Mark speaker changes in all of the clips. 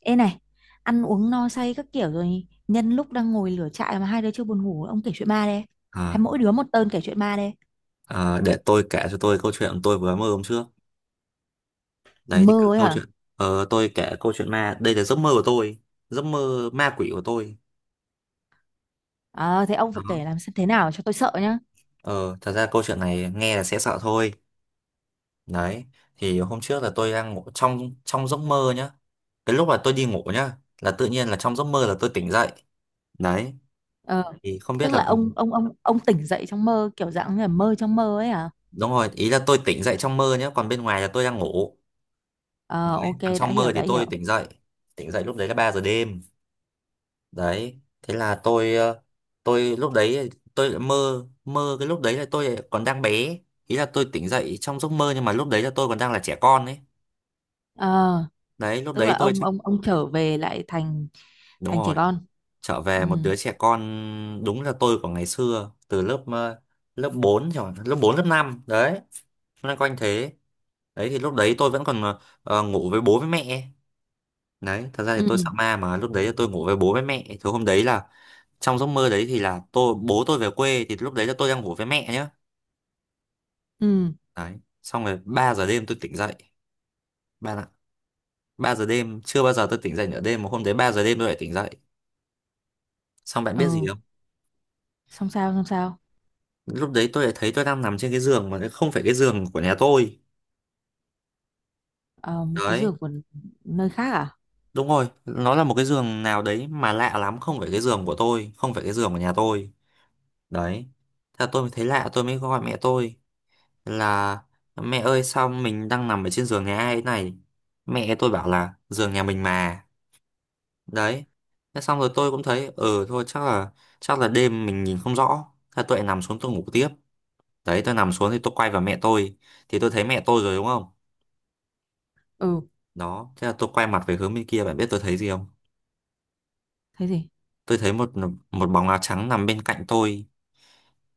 Speaker 1: Ê này, ăn uống no say các kiểu rồi nhân lúc đang ngồi lửa trại mà hai đứa chưa buồn ngủ, ông kể chuyện ma đây. Hay
Speaker 2: À,
Speaker 1: mỗi đứa một tơn kể chuyện ma đây.
Speaker 2: để tôi kể cho tôi câu chuyện tôi vừa mơ hôm trước. Đấy thì
Speaker 1: Mơ ấy
Speaker 2: câu
Speaker 1: hả?
Speaker 2: chuyện tôi kể câu chuyện ma, đây là giấc mơ của tôi, giấc mơ ma quỷ của tôi.
Speaker 1: À, thế ông phải
Speaker 2: Đó.
Speaker 1: kể làm xem thế nào cho tôi sợ nhá.
Speaker 2: Ờ, thật ra câu chuyện này nghe là sẽ sợ thôi. Đấy. Thì hôm trước là tôi đang ngủ trong trong giấc mơ nhá. Cái lúc là tôi đi ngủ nhá, là tự nhiên là trong giấc mơ là tôi tỉnh dậy. Đấy.
Speaker 1: Ờ,
Speaker 2: Thì không biết
Speaker 1: tức là
Speaker 2: là
Speaker 1: ông tỉnh dậy trong mơ kiểu dạng như là mơ trong mơ ấy hả?
Speaker 2: đúng rồi, ý là tôi tỉnh dậy trong mơ nhá, còn bên ngoài là tôi đang ngủ.
Speaker 1: Ờ,
Speaker 2: Đấy.
Speaker 1: ok,
Speaker 2: Còn
Speaker 1: đã
Speaker 2: trong mơ
Speaker 1: hiểu,
Speaker 2: thì
Speaker 1: đã
Speaker 2: tôi
Speaker 1: hiểu.
Speaker 2: tỉnh dậy. Tỉnh dậy lúc đấy là 3 giờ đêm. Đấy thế là tôi tôi lúc đấy tôi lại mơ mơ cái lúc đấy là tôi lại còn đang bé, ý là tôi tỉnh dậy trong giấc mơ nhưng mà lúc đấy là tôi còn đang là trẻ con ấy.
Speaker 1: Ờ,
Speaker 2: Đấy lúc
Speaker 1: tức
Speaker 2: đấy
Speaker 1: là
Speaker 2: tôi
Speaker 1: ông
Speaker 2: chắc
Speaker 1: ông ông trở về lại thành
Speaker 2: đúng
Speaker 1: thành trẻ
Speaker 2: rồi,
Speaker 1: con.
Speaker 2: trở
Speaker 1: Ừ.
Speaker 2: về một đứa trẻ con, đúng là tôi của ngày xưa từ lớp 4 rồi lớp 4 lớp 5 đấy, loanh quanh thế. Đấy thì lúc đấy tôi vẫn còn ngủ với bố với mẹ. Đấy thật ra thì
Speaker 1: Ừ.
Speaker 2: tôi sợ ma mà lúc đấy là tôi ngủ với bố với mẹ thứ hôm đấy là trong giấc mơ đấy thì là tôi bố tôi về quê thì lúc đấy là tôi đang ngủ với mẹ nhá.
Speaker 1: Ừ.
Speaker 2: Đấy, xong rồi 3 giờ đêm tôi tỉnh dậy, ba ạ. Ba giờ đêm chưa bao giờ tôi tỉnh dậy nửa đêm mà hôm đấy 3 giờ đêm tôi lại tỉnh dậy. Xong bạn biết gì
Speaker 1: Ừ.
Speaker 2: không,
Speaker 1: Xong sao, xong sao?
Speaker 2: lúc đấy tôi lại thấy tôi đang nằm trên cái giường mà không phải cái giường của nhà tôi.
Speaker 1: Ờ, một cái
Speaker 2: Đấy
Speaker 1: giường của nơi khác à?
Speaker 2: đúng rồi, nó là một cái giường nào đấy mà lạ lắm, không phải cái giường của tôi, không phải cái giường của nhà tôi. Đấy thế là tôi mới thấy lạ, tôi mới gọi mẹ tôi là mẹ ơi sao mình đang nằm ở trên giường nhà ai thế này. Mẹ tôi bảo là giường nhà mình mà. Đấy thế xong rồi tôi cũng thấy ừ thôi chắc là đêm mình nhìn không rõ. Thế tôi lại nằm xuống tôi ngủ tiếp. Đấy tôi nằm xuống thì tôi quay vào mẹ tôi, thì tôi thấy mẹ tôi rồi đúng không.
Speaker 1: Ừ,
Speaker 2: Đó thế là tôi quay mặt về hướng bên kia, bạn biết tôi thấy gì không,
Speaker 1: thế gì?
Speaker 2: tôi thấy một một bóng áo trắng nằm bên cạnh tôi,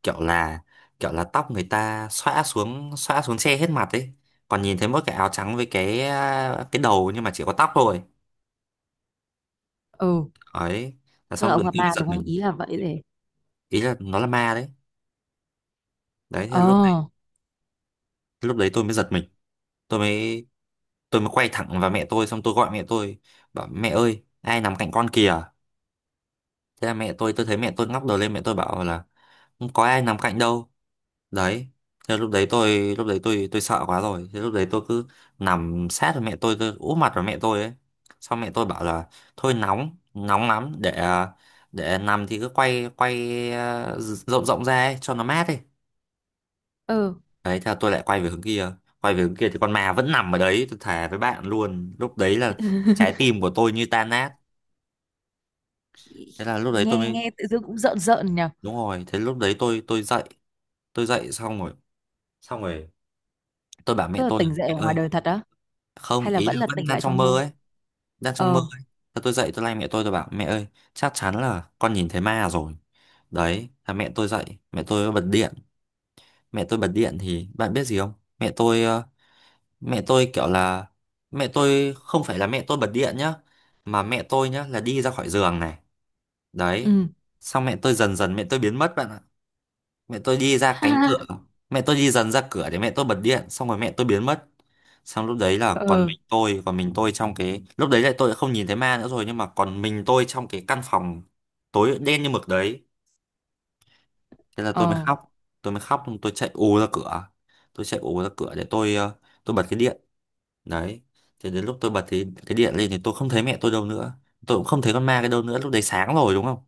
Speaker 2: kiểu là kiểu là tóc người ta xõa xuống, xõa xuống che hết mặt ấy, còn nhìn thấy mỗi cái áo trắng với cái đầu nhưng mà chỉ có tóc thôi
Speaker 1: Ừ,
Speaker 2: ấy. Là
Speaker 1: tức là
Speaker 2: xong rồi
Speaker 1: ông
Speaker 2: tôi
Speaker 1: gặp
Speaker 2: mới
Speaker 1: ma đúng
Speaker 2: giật
Speaker 1: không,
Speaker 2: mình,
Speaker 1: ý là vậy để.
Speaker 2: ý là nó là ma đấy. Đấy thế là
Speaker 1: Ờ.
Speaker 2: lúc đấy tôi mới giật mình, tôi mới tôi mới quay thẳng vào mẹ tôi xong tôi gọi mẹ tôi, bảo mẹ ơi ai nằm cạnh con kìa. Thế là mẹ tôi thấy mẹ tôi ngóc đầu lên, mẹ tôi bảo là không có ai nằm cạnh đâu. Đấy thế lúc đấy tôi tôi sợ quá rồi, thế lúc đấy tôi cứ nằm sát vào mẹ tôi úp mặt vào mẹ tôi ấy. Xong mẹ tôi bảo là thôi nóng nóng lắm để để nằm thì cứ quay quay ờ, rộng rộng ra ấy, cho nó mát đi.
Speaker 1: Ừ.
Speaker 2: Đấy theo tôi lại quay về hướng kia, quay về hướng kia thì con ma vẫn nằm ở đấy, tôi thề với bạn luôn lúc đấy là trái tim của tôi như tan nát. Thế là lúc đấy
Speaker 1: nghe
Speaker 2: tôi mới
Speaker 1: nghe tự dưng cũng rợn rợn nhỉ.
Speaker 2: đúng rồi, thế lúc đấy tôi dậy, tôi dậy xong rồi, xong rồi tôi bảo
Speaker 1: Tức
Speaker 2: mẹ
Speaker 1: là
Speaker 2: tôi là,
Speaker 1: tỉnh dậy
Speaker 2: mẹ
Speaker 1: ở ngoài
Speaker 2: ơi,
Speaker 1: đời thật á,
Speaker 2: không
Speaker 1: hay là
Speaker 2: ý
Speaker 1: vẫn
Speaker 2: là
Speaker 1: là
Speaker 2: vẫn
Speaker 1: tỉnh
Speaker 2: đang
Speaker 1: lại
Speaker 2: trong
Speaker 1: trong
Speaker 2: mơ
Speaker 1: mơ?
Speaker 2: ấy, đang trong mơ
Speaker 1: Ờ.
Speaker 2: ấy. Thế tôi dậy tôi lay mẹ tôi bảo mẹ ơi chắc chắn là con nhìn thấy ma rồi. Đấy là mẹ tôi dậy, mẹ tôi bật điện. Mẹ tôi bật điện thì bạn biết gì không, mẹ tôi ờ, mẹ tôi kiểu là mẹ tôi không phải là mẹ tôi bật điện nhá, mà mẹ tôi nhá là đi ra khỏi giường này. Đấy
Speaker 1: Ừ.
Speaker 2: xong mẹ tôi dần dần mẹ tôi biến mất bạn ạ, mẹ tôi đi ra cánh cửa. Mẹ tôi đi dần ra cửa để mẹ tôi bật điện xong rồi mẹ tôi biến mất. Xong lúc đấy là còn
Speaker 1: Ừ.
Speaker 2: mình tôi, còn mình tôi trong cái lúc đấy lại tôi đã không nhìn thấy ma nữa rồi, nhưng mà còn mình tôi trong cái căn phòng tối đen như mực đấy. Thế là tôi mới
Speaker 1: Ờ.
Speaker 2: khóc, tôi chạy ù ra cửa, để tôi tôi bật cái điện. Đấy thế đến lúc tôi bật thì cái điện lên thì tôi không thấy mẹ tôi đâu nữa, tôi cũng không thấy con ma cái đâu nữa, lúc đấy sáng rồi đúng không,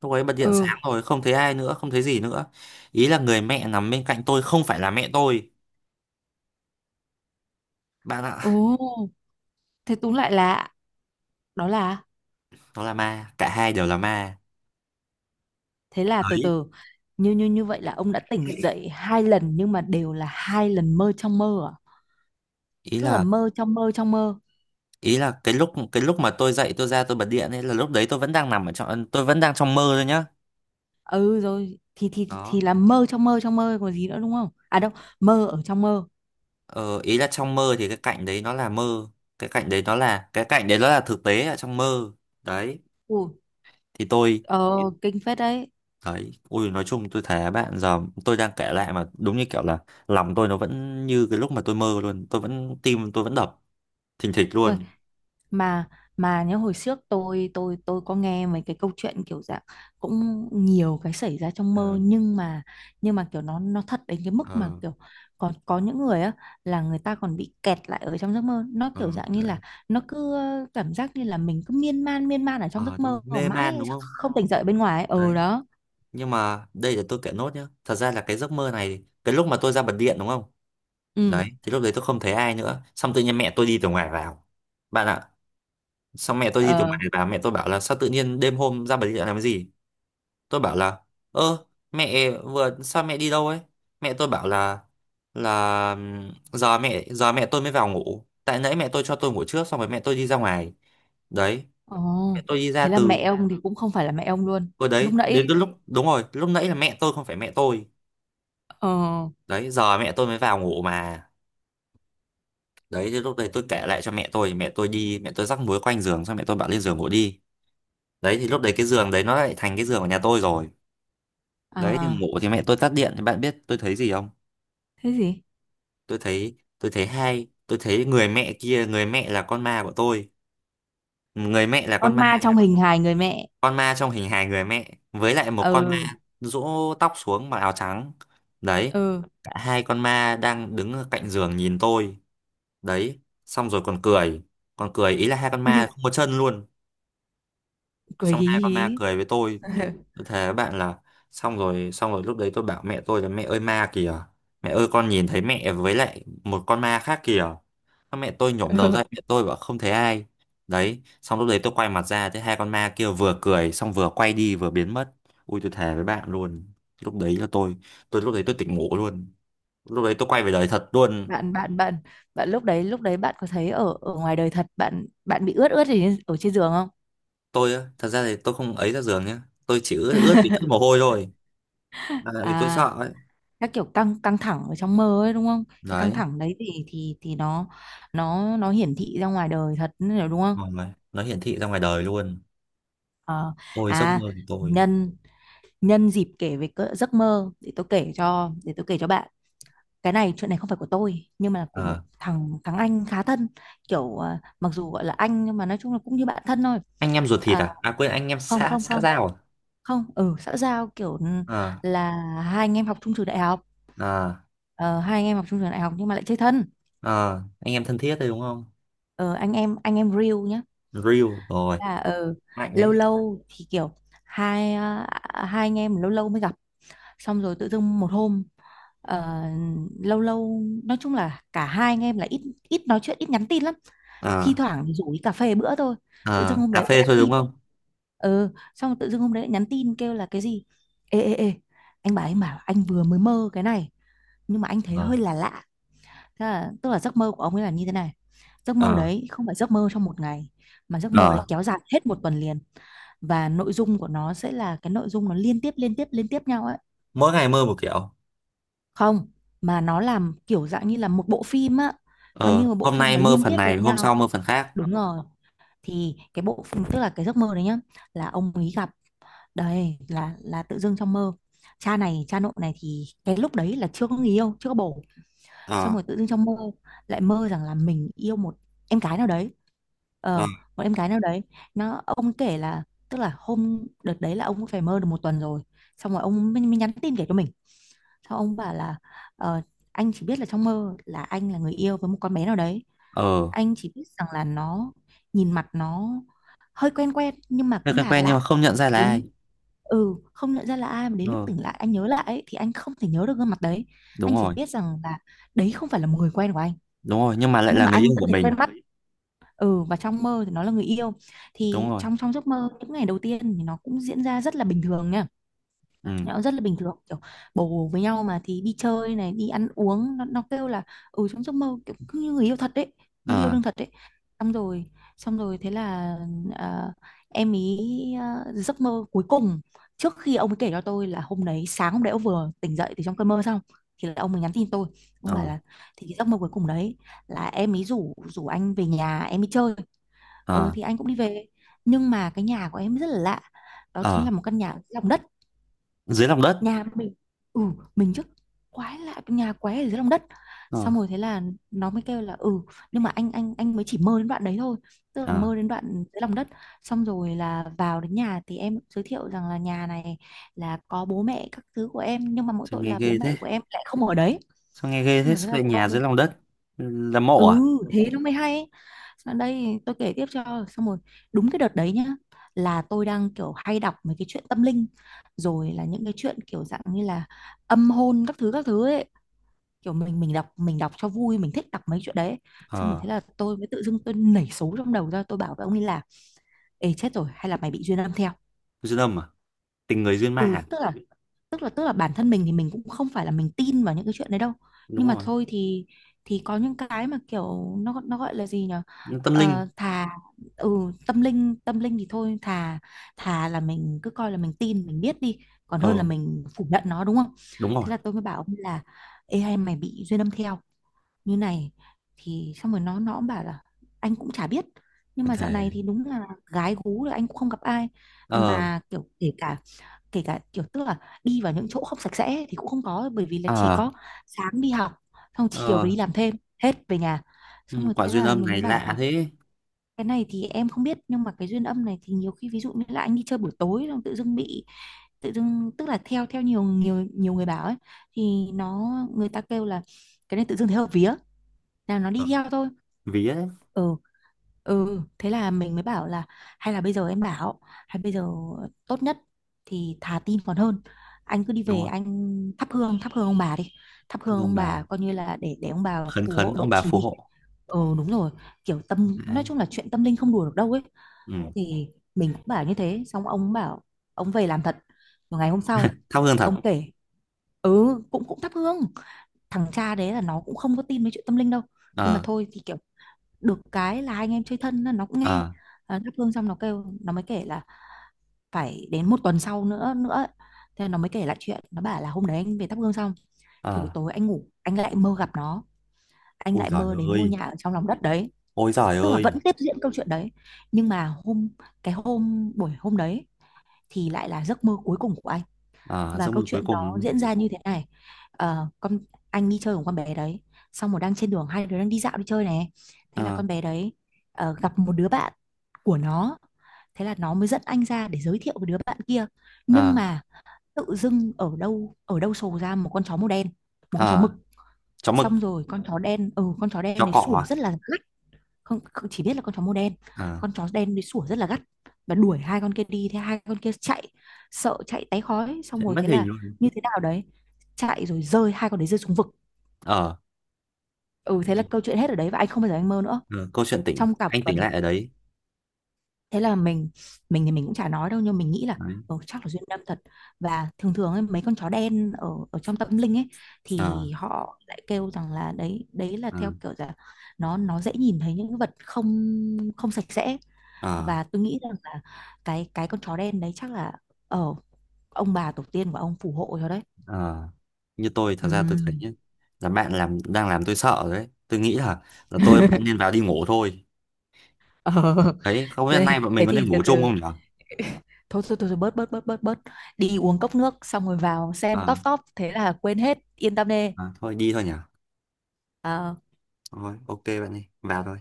Speaker 2: lúc ấy bật điện
Speaker 1: Ừ.
Speaker 2: sáng rồi không thấy ai nữa không thấy gì nữa. Ý là người mẹ nằm bên cạnh tôi không phải là mẹ tôi bạn ạ.
Speaker 1: Ồ, thế túm lại là đó là,
Speaker 2: Nó là ma, cả hai đều là ma.
Speaker 1: thế là từ
Speaker 2: Đấy
Speaker 1: từ, như như như vậy là ông đã tỉnh dậy hai lần nhưng mà đều là hai lần mơ trong mơ à?
Speaker 2: ý
Speaker 1: Tức
Speaker 2: là
Speaker 1: là mơ trong mơ trong mơ.
Speaker 2: ý là cái lúc mà tôi dậy tôi ra tôi bật điện ấy là lúc đấy tôi vẫn đang trong mơ thôi nhá.
Speaker 1: Ừ, rồi thì
Speaker 2: Đó
Speaker 1: là mơ trong mơ trong mơ còn gì nữa, đúng không à đâu? Mơ ở trong mơ.
Speaker 2: ờ, ý là trong mơ thì cái cảnh đấy nó là mơ, cái cảnh đấy nó là thực tế ở trong mơ. Đấy
Speaker 1: Ủa,
Speaker 2: thì tôi.
Speaker 1: ờ, kinh phết đấy.
Speaker 2: Đấy, ui nói chung tôi thấy bạn giờ tôi đang kể lại mà đúng như kiểu là lòng tôi nó vẫn như cái lúc mà tôi mơ luôn, tôi vẫn tim tôi vẫn đập thình thịch
Speaker 1: Ui,
Speaker 2: luôn.
Speaker 1: mà mà nhớ hồi trước tôi có nghe mấy cái câu chuyện kiểu dạng cũng nhiều cái xảy ra trong
Speaker 2: Ờ,
Speaker 1: mơ, nhưng mà kiểu nó thật đến cái mức mà
Speaker 2: ờ,
Speaker 1: kiểu còn có những người á, là người ta còn bị kẹt lại ở trong giấc mơ. Nó
Speaker 2: ờ,
Speaker 1: kiểu dạng như
Speaker 2: đấy.
Speaker 1: là nó cứ cảm giác như là mình cứ miên man ở trong
Speaker 2: Ờ,
Speaker 1: giấc
Speaker 2: tôi
Speaker 1: mơ
Speaker 2: mê man
Speaker 1: mãi
Speaker 2: đúng không?
Speaker 1: không tỉnh dậy bên ngoài ấy. Ừ
Speaker 2: Đấy,
Speaker 1: đó.
Speaker 2: nhưng mà đây là tôi kể nốt nhá. Thật ra là cái giấc mơ này, cái lúc mà tôi ra bật điện đúng không?
Speaker 1: Ừ.
Speaker 2: Đấy, thì lúc đấy tôi không thấy ai nữa, xong tự nhiên mẹ tôi đi từ ngoài vào. Bạn ạ, xong mẹ tôi đi từ
Speaker 1: Ờ.
Speaker 2: ngoài vào, mẹ tôi bảo là sao tự nhiên đêm hôm ra bật điện làm cái gì? Tôi bảo là ơ mẹ vừa sao mẹ đi đâu ấy. Mẹ tôi bảo là giờ mẹ tôi mới vào ngủ tại nãy mẹ tôi cho tôi ngủ trước xong rồi mẹ tôi đi ra ngoài. Đấy
Speaker 1: Ồ,
Speaker 2: mẹ tôi đi ra
Speaker 1: thế là
Speaker 2: từ
Speaker 1: mẹ ông thì cũng không phải là mẹ ông luôn.
Speaker 2: cô
Speaker 1: Lúc
Speaker 2: đấy
Speaker 1: nãy
Speaker 2: đến
Speaker 1: ấy.
Speaker 2: cái lúc đúng rồi lúc nãy là mẹ tôi không phải mẹ tôi.
Speaker 1: Ờ.
Speaker 2: Đấy giờ mẹ tôi mới vào ngủ mà. Đấy thì lúc đấy tôi kể lại cho mẹ tôi thì mẹ tôi rắc muối quanh giường, xong mẹ tôi bảo lên giường ngủ đi. Đấy thì lúc đấy cái giường đấy nó lại thành cái giường của nhà tôi rồi. Đấy thì
Speaker 1: À,
Speaker 2: ngủ thì mẹ tôi tắt điện thì bạn biết tôi thấy gì không,
Speaker 1: thế gì?
Speaker 2: tôi thấy người mẹ kia, người mẹ là con ma của tôi, người mẹ là
Speaker 1: Con
Speaker 2: con ma,
Speaker 1: ma trong hình hài người mẹ.
Speaker 2: con ma trong hình hài người mẹ với lại một con
Speaker 1: Ừ.
Speaker 2: ma rũ tóc xuống mặc áo trắng. Đấy
Speaker 1: Ừ.
Speaker 2: cả hai con ma đang đứng ở cạnh giường nhìn tôi. Đấy xong rồi còn cười, ý là hai con ma
Speaker 1: Là-
Speaker 2: không có chân luôn.
Speaker 1: cười
Speaker 2: Xong
Speaker 1: hí
Speaker 2: hai con ma
Speaker 1: hí.
Speaker 2: cười với tôi tôi thề với bạn là xong rồi, lúc đấy tôi bảo mẹ tôi là mẹ ơi ma kìa, mẹ ơi con nhìn thấy mẹ với lại một con ma khác kìa. Xong mẹ tôi nhổm đầu ra,
Speaker 1: Ừ.
Speaker 2: mẹ tôi bảo không thấy ai. Đấy xong lúc đấy tôi quay mặt ra thấy hai con ma kia vừa cười xong vừa quay đi vừa biến mất. Ui tôi thề với bạn luôn, lúc đấy là tôi tỉnh ngủ luôn, lúc đấy tôi quay về đời thật luôn.
Speaker 1: bạn bạn bạn bạn lúc đấy bạn có thấy ở ở ngoài đời thật bạn bạn bị ướt ướt gì ở trên giường không?
Speaker 2: Tôi á thật ra thì tôi không ấy ra giường nhá, tôi chỉ ướt ướt vì chút mồ hôi thôi, là tại vì tôi sợ
Speaker 1: À,
Speaker 2: ấy.
Speaker 1: các kiểu căng căng thẳng ở trong mơ ấy đúng không? Cái căng
Speaker 2: Đấy.
Speaker 1: thẳng đấy thì nó nó hiển thị ra ngoài đời thật nữa đúng không?
Speaker 2: Vâng, nó hiển thị ra ngoài đời luôn.
Speaker 1: Ờ.
Speaker 2: Ôi giấc
Speaker 1: À,
Speaker 2: mơ của tôi.
Speaker 1: nhân nhân dịp kể về cỡ giấc mơ, để tôi kể cho, để tôi kể cho bạn cái này. Chuyện này không phải của tôi nhưng mà là của một
Speaker 2: Ờ,
Speaker 1: thằng thằng anh khá thân, kiểu mặc dù gọi là anh nhưng mà nói chung là cũng như bạn thân thôi.
Speaker 2: anh em ruột thịt
Speaker 1: à,
Speaker 2: à? À quên anh em
Speaker 1: không
Speaker 2: xã
Speaker 1: không
Speaker 2: xã
Speaker 1: không
Speaker 2: giao à?
Speaker 1: không, ừ, xã giao kiểu
Speaker 2: Ờ,
Speaker 1: là hai anh em học chung trường đại học.
Speaker 2: ờ,
Speaker 1: Ờ, hai anh em học chung trường đại học nhưng mà lại chơi thân.
Speaker 2: ờ, anh em thân thiết đấy đúng không?
Speaker 1: Ờ, anh em real nhá.
Speaker 2: Real rồi,
Speaker 1: Là
Speaker 2: mạnh
Speaker 1: lâu
Speaker 2: đấy.
Speaker 1: lâu thì kiểu hai hai anh em lâu lâu mới gặp, xong rồi tự dưng một hôm ờ, lâu lâu nói chung là cả hai anh em là ít ít nói chuyện, ít nhắn tin lắm.
Speaker 2: Ờ,
Speaker 1: Thi thoảng thì rủ đi cà phê bữa thôi. Tự dưng
Speaker 2: ờ,
Speaker 1: hôm
Speaker 2: cà
Speaker 1: đấy
Speaker 2: phê
Speaker 1: nhắn
Speaker 2: thôi đúng
Speaker 1: tin.
Speaker 2: không?
Speaker 1: Ừ, xong rồi tự dưng hôm đấy lại nhắn tin kêu là cái gì, ê ê ê, anh bảo anh vừa mới mơ cái này nhưng mà anh thấy
Speaker 2: Ờ,
Speaker 1: hơi là lạ. Thế là, tức là giấc mơ của ông ấy là như thế này. Giấc mơ
Speaker 2: ờ,
Speaker 1: đấy không phải giấc mơ trong một ngày, mà giấc mơ đấy
Speaker 2: ờ.
Speaker 1: kéo dài hết một tuần liền, và nội dung của nó sẽ là cái nội dung nó liên tiếp liên tiếp liên tiếp nhau ấy.
Speaker 2: Mỗi ngày mơ một kiểu.
Speaker 1: Không, mà nó làm kiểu dạng như là một bộ phim á, nó
Speaker 2: Ờ,
Speaker 1: như một bộ
Speaker 2: hôm
Speaker 1: phim,
Speaker 2: nay
Speaker 1: nó
Speaker 2: mơ
Speaker 1: liên
Speaker 2: phần
Speaker 1: tiếp với
Speaker 2: này, hôm
Speaker 1: nhau.
Speaker 2: sau mơ phần khác.
Speaker 1: Đúng rồi. Thì cái bộ phim, tức là cái giấc mơ đấy nhá, là ông ấy gặp, đây là tự dưng trong mơ, cha này cha nội này, thì cái lúc đấy là chưa có người yêu, chưa có bồ. Xong
Speaker 2: Ờ,
Speaker 1: rồi tự dưng trong mơ lại mơ rằng là mình yêu một em gái nào đấy.
Speaker 2: ờ,
Speaker 1: Ờ, một em gái nào đấy. Nó ông kể là, tức là hôm đợt đấy là ông cũng phải mơ được một tuần rồi, xong rồi ông mới nhắn tin kể cho mình. Xong ông bảo là, ờ, anh chỉ biết là trong mơ là anh là người yêu với một con bé nào đấy.
Speaker 2: ờ.
Speaker 1: Anh chỉ biết rằng là nó, nhìn mặt nó hơi quen quen nhưng mà
Speaker 2: Thế
Speaker 1: cũng
Speaker 2: quen
Speaker 1: là
Speaker 2: quen nhưng mà
Speaker 1: lạ.
Speaker 2: không nhận ra là ai.
Speaker 1: Đến, ừ, không nhận ra là ai, mà đến lúc
Speaker 2: Ờ,
Speaker 1: tỉnh lại anh nhớ lại ấy, thì anh không thể nhớ được gương mặt đấy.
Speaker 2: đúng
Speaker 1: Anh chỉ
Speaker 2: rồi,
Speaker 1: biết rằng là đấy không phải là một người quen của anh.
Speaker 2: nhưng mà lại
Speaker 1: Nhưng
Speaker 2: là
Speaker 1: mà
Speaker 2: người
Speaker 1: anh
Speaker 2: yêu
Speaker 1: vẫn
Speaker 2: của
Speaker 1: thấy
Speaker 2: mình.
Speaker 1: quen mắt. Ừ, và trong mơ thì nó là người yêu.
Speaker 2: Đúng
Speaker 1: Thì
Speaker 2: rồi.
Speaker 1: trong trong giấc mơ những ngày đầu tiên thì nó cũng diễn ra rất là bình thường nha.
Speaker 2: Ừ.
Speaker 1: Nó rất là bình thường, kiểu bồ với nhau mà thì đi chơi này, đi ăn uống, nó kêu là ừ, trong giấc mơ kiểu cứ như người yêu thật đấy, như yêu
Speaker 2: Ờ,
Speaker 1: đương thật đấy. Xong rồi xong rồi thế là à, em ý, giấc mơ cuối cùng trước khi ông ấy kể cho tôi là hôm đấy, sáng hôm đấy ông vừa tỉnh dậy từ trong cơn mơ xong, thì là ông ấy nhắn tin tôi, ông bảo
Speaker 2: ờ,
Speaker 1: là, thì cái giấc mơ cuối cùng đấy là em ý rủ rủ anh về nhà em ý chơi. Ờ,
Speaker 2: ờ.
Speaker 1: thì anh cũng đi về, nhưng mà cái nhà của em rất là lạ, đó chính
Speaker 2: Ờ
Speaker 1: là một căn nhà dưới lòng đất.
Speaker 2: dưới lòng đất.
Speaker 1: Nhà mình, ừ, mình trước, quái lạ, nhà quái ở dưới lòng đất.
Speaker 2: ờ
Speaker 1: Xong rồi thế là nó mới kêu là ừ, nhưng mà anh mới chỉ mơ đến đoạn đấy thôi, tức là
Speaker 2: ờ
Speaker 1: mơ đến đoạn dưới lòng đất. Xong rồi là vào đến nhà thì em giới thiệu rằng là nhà này là có bố mẹ các thứ của em nhưng mà mỗi
Speaker 2: Sao
Speaker 1: tội
Speaker 2: nghe
Speaker 1: là bố
Speaker 2: ghê thế,
Speaker 1: mẹ của em lại không ở đấy.
Speaker 2: sao nghe ghê
Speaker 1: Xong
Speaker 2: thế,
Speaker 1: rồi thế
Speaker 2: sao
Speaker 1: là
Speaker 2: lại
Speaker 1: tôi,
Speaker 2: nhà dưới lòng đất, là mộ
Speaker 1: ừ,
Speaker 2: à?
Speaker 1: thế nó mới hay. Sau đây tôi kể tiếp cho xong rồi. Đúng cái đợt đấy nhá, là tôi đang kiểu hay đọc mấy cái chuyện tâm linh rồi, là những cái chuyện kiểu dạng như là âm hôn các thứ ấy, kiểu mình đọc cho vui, mình thích đọc mấy chuyện đấy. Xong rồi
Speaker 2: ờ
Speaker 1: thế là tôi mới tự dưng tôi nảy số trong đầu ra, tôi bảo với ông ấy là, ê chết rồi, hay là mày bị duyên âm theo.
Speaker 2: Duyên âm à, tình người duyên ma
Speaker 1: Ừ,
Speaker 2: à?
Speaker 1: tức là tức là bản thân mình thì mình cũng không phải là mình tin vào những cái chuyện đấy đâu.
Speaker 2: Đúng
Speaker 1: Nhưng mà
Speaker 2: rồi.
Speaker 1: thôi thì có những cái mà kiểu nó gọi là gì nhở?
Speaker 2: Nhưng tâm linh.
Speaker 1: Thà, ừ, tâm linh thì thôi, thà thà là mình cứ coi là mình tin mình biết đi, còn
Speaker 2: ờ
Speaker 1: hơn là mình phủ nhận nó đúng không.
Speaker 2: Đúng rồi.
Speaker 1: Thế là tôi mới bảo ông là, ê hay mày bị duyên âm theo như này, thì xong rồi nó cũng bảo là, anh cũng chả biết, nhưng
Speaker 2: Có
Speaker 1: mà dạo này
Speaker 2: thể.
Speaker 1: thì đúng là gái gú là anh cũng không gặp ai,
Speaker 2: ờ
Speaker 1: mà kiểu kể cả, kiểu tức là, đi vào những chỗ không sạch sẽ thì cũng không có, bởi vì là chỉ
Speaker 2: ờ
Speaker 1: có sáng đi học, xong chiều
Speaker 2: ờ
Speaker 1: về đi làm thêm, hết về nhà.
Speaker 2: ừ,
Speaker 1: Xong rồi
Speaker 2: quả
Speaker 1: thế
Speaker 2: duyên
Speaker 1: là
Speaker 2: âm
Speaker 1: mình mới
Speaker 2: này
Speaker 1: bảo
Speaker 2: lạ
Speaker 1: là,
Speaker 2: thế.
Speaker 1: cái này thì em không biết, nhưng mà cái duyên âm này thì nhiều khi ví dụ như là anh đi chơi buổi tối xong tự dưng bị, tự dưng tức là theo theo nhiều nhiều nhiều người bảo ấy, thì nó, người ta kêu là cái này tự dưng thấy hợp vía là nó đi theo thôi.
Speaker 2: Vía đấy.
Speaker 1: Ừ. Ừ, thế là mình mới bảo là, hay là bây giờ em bảo, hay bây giờ tốt nhất thì thà tin còn hơn, anh cứ đi
Speaker 2: Đúng
Speaker 1: về
Speaker 2: rồi.
Speaker 1: anh thắp hương ông bà đi, thắp
Speaker 2: Thắp
Speaker 1: hương
Speaker 2: ông
Speaker 1: ông
Speaker 2: bà,
Speaker 1: bà coi như là để ông bà
Speaker 2: khấn
Speaker 1: phù
Speaker 2: khấn
Speaker 1: hộ
Speaker 2: ông
Speaker 1: độ
Speaker 2: bà
Speaker 1: trì
Speaker 2: phù
Speaker 1: đi.
Speaker 2: hộ.
Speaker 1: Ừ, đúng rồi, kiểu tâm, nói
Speaker 2: Đấy.
Speaker 1: chung là chuyện tâm linh không đùa được đâu ấy.
Speaker 2: Ừ.
Speaker 1: Thì mình cũng bảo như thế xong ông bảo, ông về làm thật. Rồi ngày hôm sau
Speaker 2: Thắp hương thật.
Speaker 1: ông kể, ừ, cũng cũng thắp hương. Thằng cha đấy là nó cũng không có tin mấy chuyện tâm linh đâu, nhưng mà
Speaker 2: ờ
Speaker 1: thôi thì kiểu được cái là hai anh em chơi thân nên nó cũng nghe.
Speaker 2: ờ
Speaker 1: Thắp hương xong nó kêu, nó mới kể là, phải đến một tuần sau nữa nữa ấy. Thế nó mới kể lại chuyện, nó bảo là hôm đấy anh về thắp hương xong,
Speaker 2: ờ
Speaker 1: thì buổi tối anh ngủ, anh lại mơ gặp nó, anh
Speaker 2: Ôi
Speaker 1: lại
Speaker 2: giời
Speaker 1: mơ đến ngôi
Speaker 2: ơi,
Speaker 1: nhà ở trong lòng đất đấy.
Speaker 2: ôi giời
Speaker 1: Tức là vẫn
Speaker 2: ơi.
Speaker 1: tiếp diễn câu chuyện đấy, nhưng mà hôm, cái hôm buổi hôm đấy thì lại là giấc mơ cuối cùng của anh,
Speaker 2: Ờ
Speaker 1: và
Speaker 2: giấc mơ
Speaker 1: câu
Speaker 2: cuối
Speaker 1: chuyện
Speaker 2: cùng đúng
Speaker 1: nó
Speaker 2: không?
Speaker 1: diễn ra như thế này. Ờ, con, anh đi chơi cùng con bé đấy, xong rồi đang trên đường hai đứa đang đi dạo đi chơi này, thế là
Speaker 2: ờ
Speaker 1: con bé đấy, gặp một đứa bạn của nó, thế là nó mới dẫn anh ra để giới thiệu với đứa bạn kia, nhưng
Speaker 2: ờ
Speaker 1: mà tự dưng ở đâu sổ ra một con chó màu đen, một con chó
Speaker 2: ờ
Speaker 1: mực.
Speaker 2: Chó mực.
Speaker 1: Xong rồi con chó đen, ừ, con chó
Speaker 2: Chó
Speaker 1: đen này
Speaker 2: cọ à?
Speaker 1: sủa rất là dữ. Không, không, chỉ biết là con chó màu đen.
Speaker 2: Ờ,
Speaker 1: Con chó đen đi sủa rất là gắt, và đuổi hai con kia đi, thế hai con kia chạy, sợ chạy tái khói, xong
Speaker 2: chạy
Speaker 1: rồi
Speaker 2: mất
Speaker 1: thế
Speaker 2: hình
Speaker 1: là
Speaker 2: luôn.
Speaker 1: như thế nào đấy, chạy rồi rơi, hai con đấy rơi xuống vực.
Speaker 2: Ờ,
Speaker 1: Ừ, thế là
Speaker 2: ui,
Speaker 1: câu chuyện hết ở đấy và anh không bao giờ anh mơ nữa,
Speaker 2: ờ, câu chuyện tỉnh,
Speaker 1: trong cả
Speaker 2: anh tỉnh
Speaker 1: tuần.
Speaker 2: lại ở đấy.
Speaker 1: Thế là mình thì mình cũng chả nói đâu, nhưng mình nghĩ là
Speaker 2: Đấy.
Speaker 1: chắc là duyên năm thật. Và thường thường ấy, mấy con chó đen ở ở trong tâm linh ấy,
Speaker 2: Ờ,
Speaker 1: thì họ lại kêu rằng là đấy, đấy là
Speaker 2: ờ,
Speaker 1: theo kiểu là nó dễ nhìn thấy những vật không, không sạch sẽ.
Speaker 2: ờ,
Speaker 1: Và tôi nghĩ rằng là cái con chó đen đấy chắc là ở ông bà tổ tiên của ông phù hộ cho đấy.
Speaker 2: ờ. Như tôi, thật ra tôi thấy
Speaker 1: Ừm.
Speaker 2: nhá, là bạn làm đang làm tôi sợ rồi đấy. Tôi nghĩ là bạn nên vào đi ngủ thôi.
Speaker 1: Ờ
Speaker 2: Đấy, không biết hôm
Speaker 1: thế,
Speaker 2: nay bọn mình
Speaker 1: thế
Speaker 2: có
Speaker 1: thì
Speaker 2: nên
Speaker 1: từ
Speaker 2: ngủ chung
Speaker 1: từ.
Speaker 2: không nhỉ?
Speaker 1: Thôi thôi thôi thôi, bớt bớt bớt bớt bớt, đi uống cốc nước xong rồi vào xem
Speaker 2: Ờ,
Speaker 1: top top thế là quên hết, yên tâm đi.
Speaker 2: ờ, thôi đi thôi nhỉ.
Speaker 1: Ờ,
Speaker 2: Thôi, ok bạn đi, vào thôi.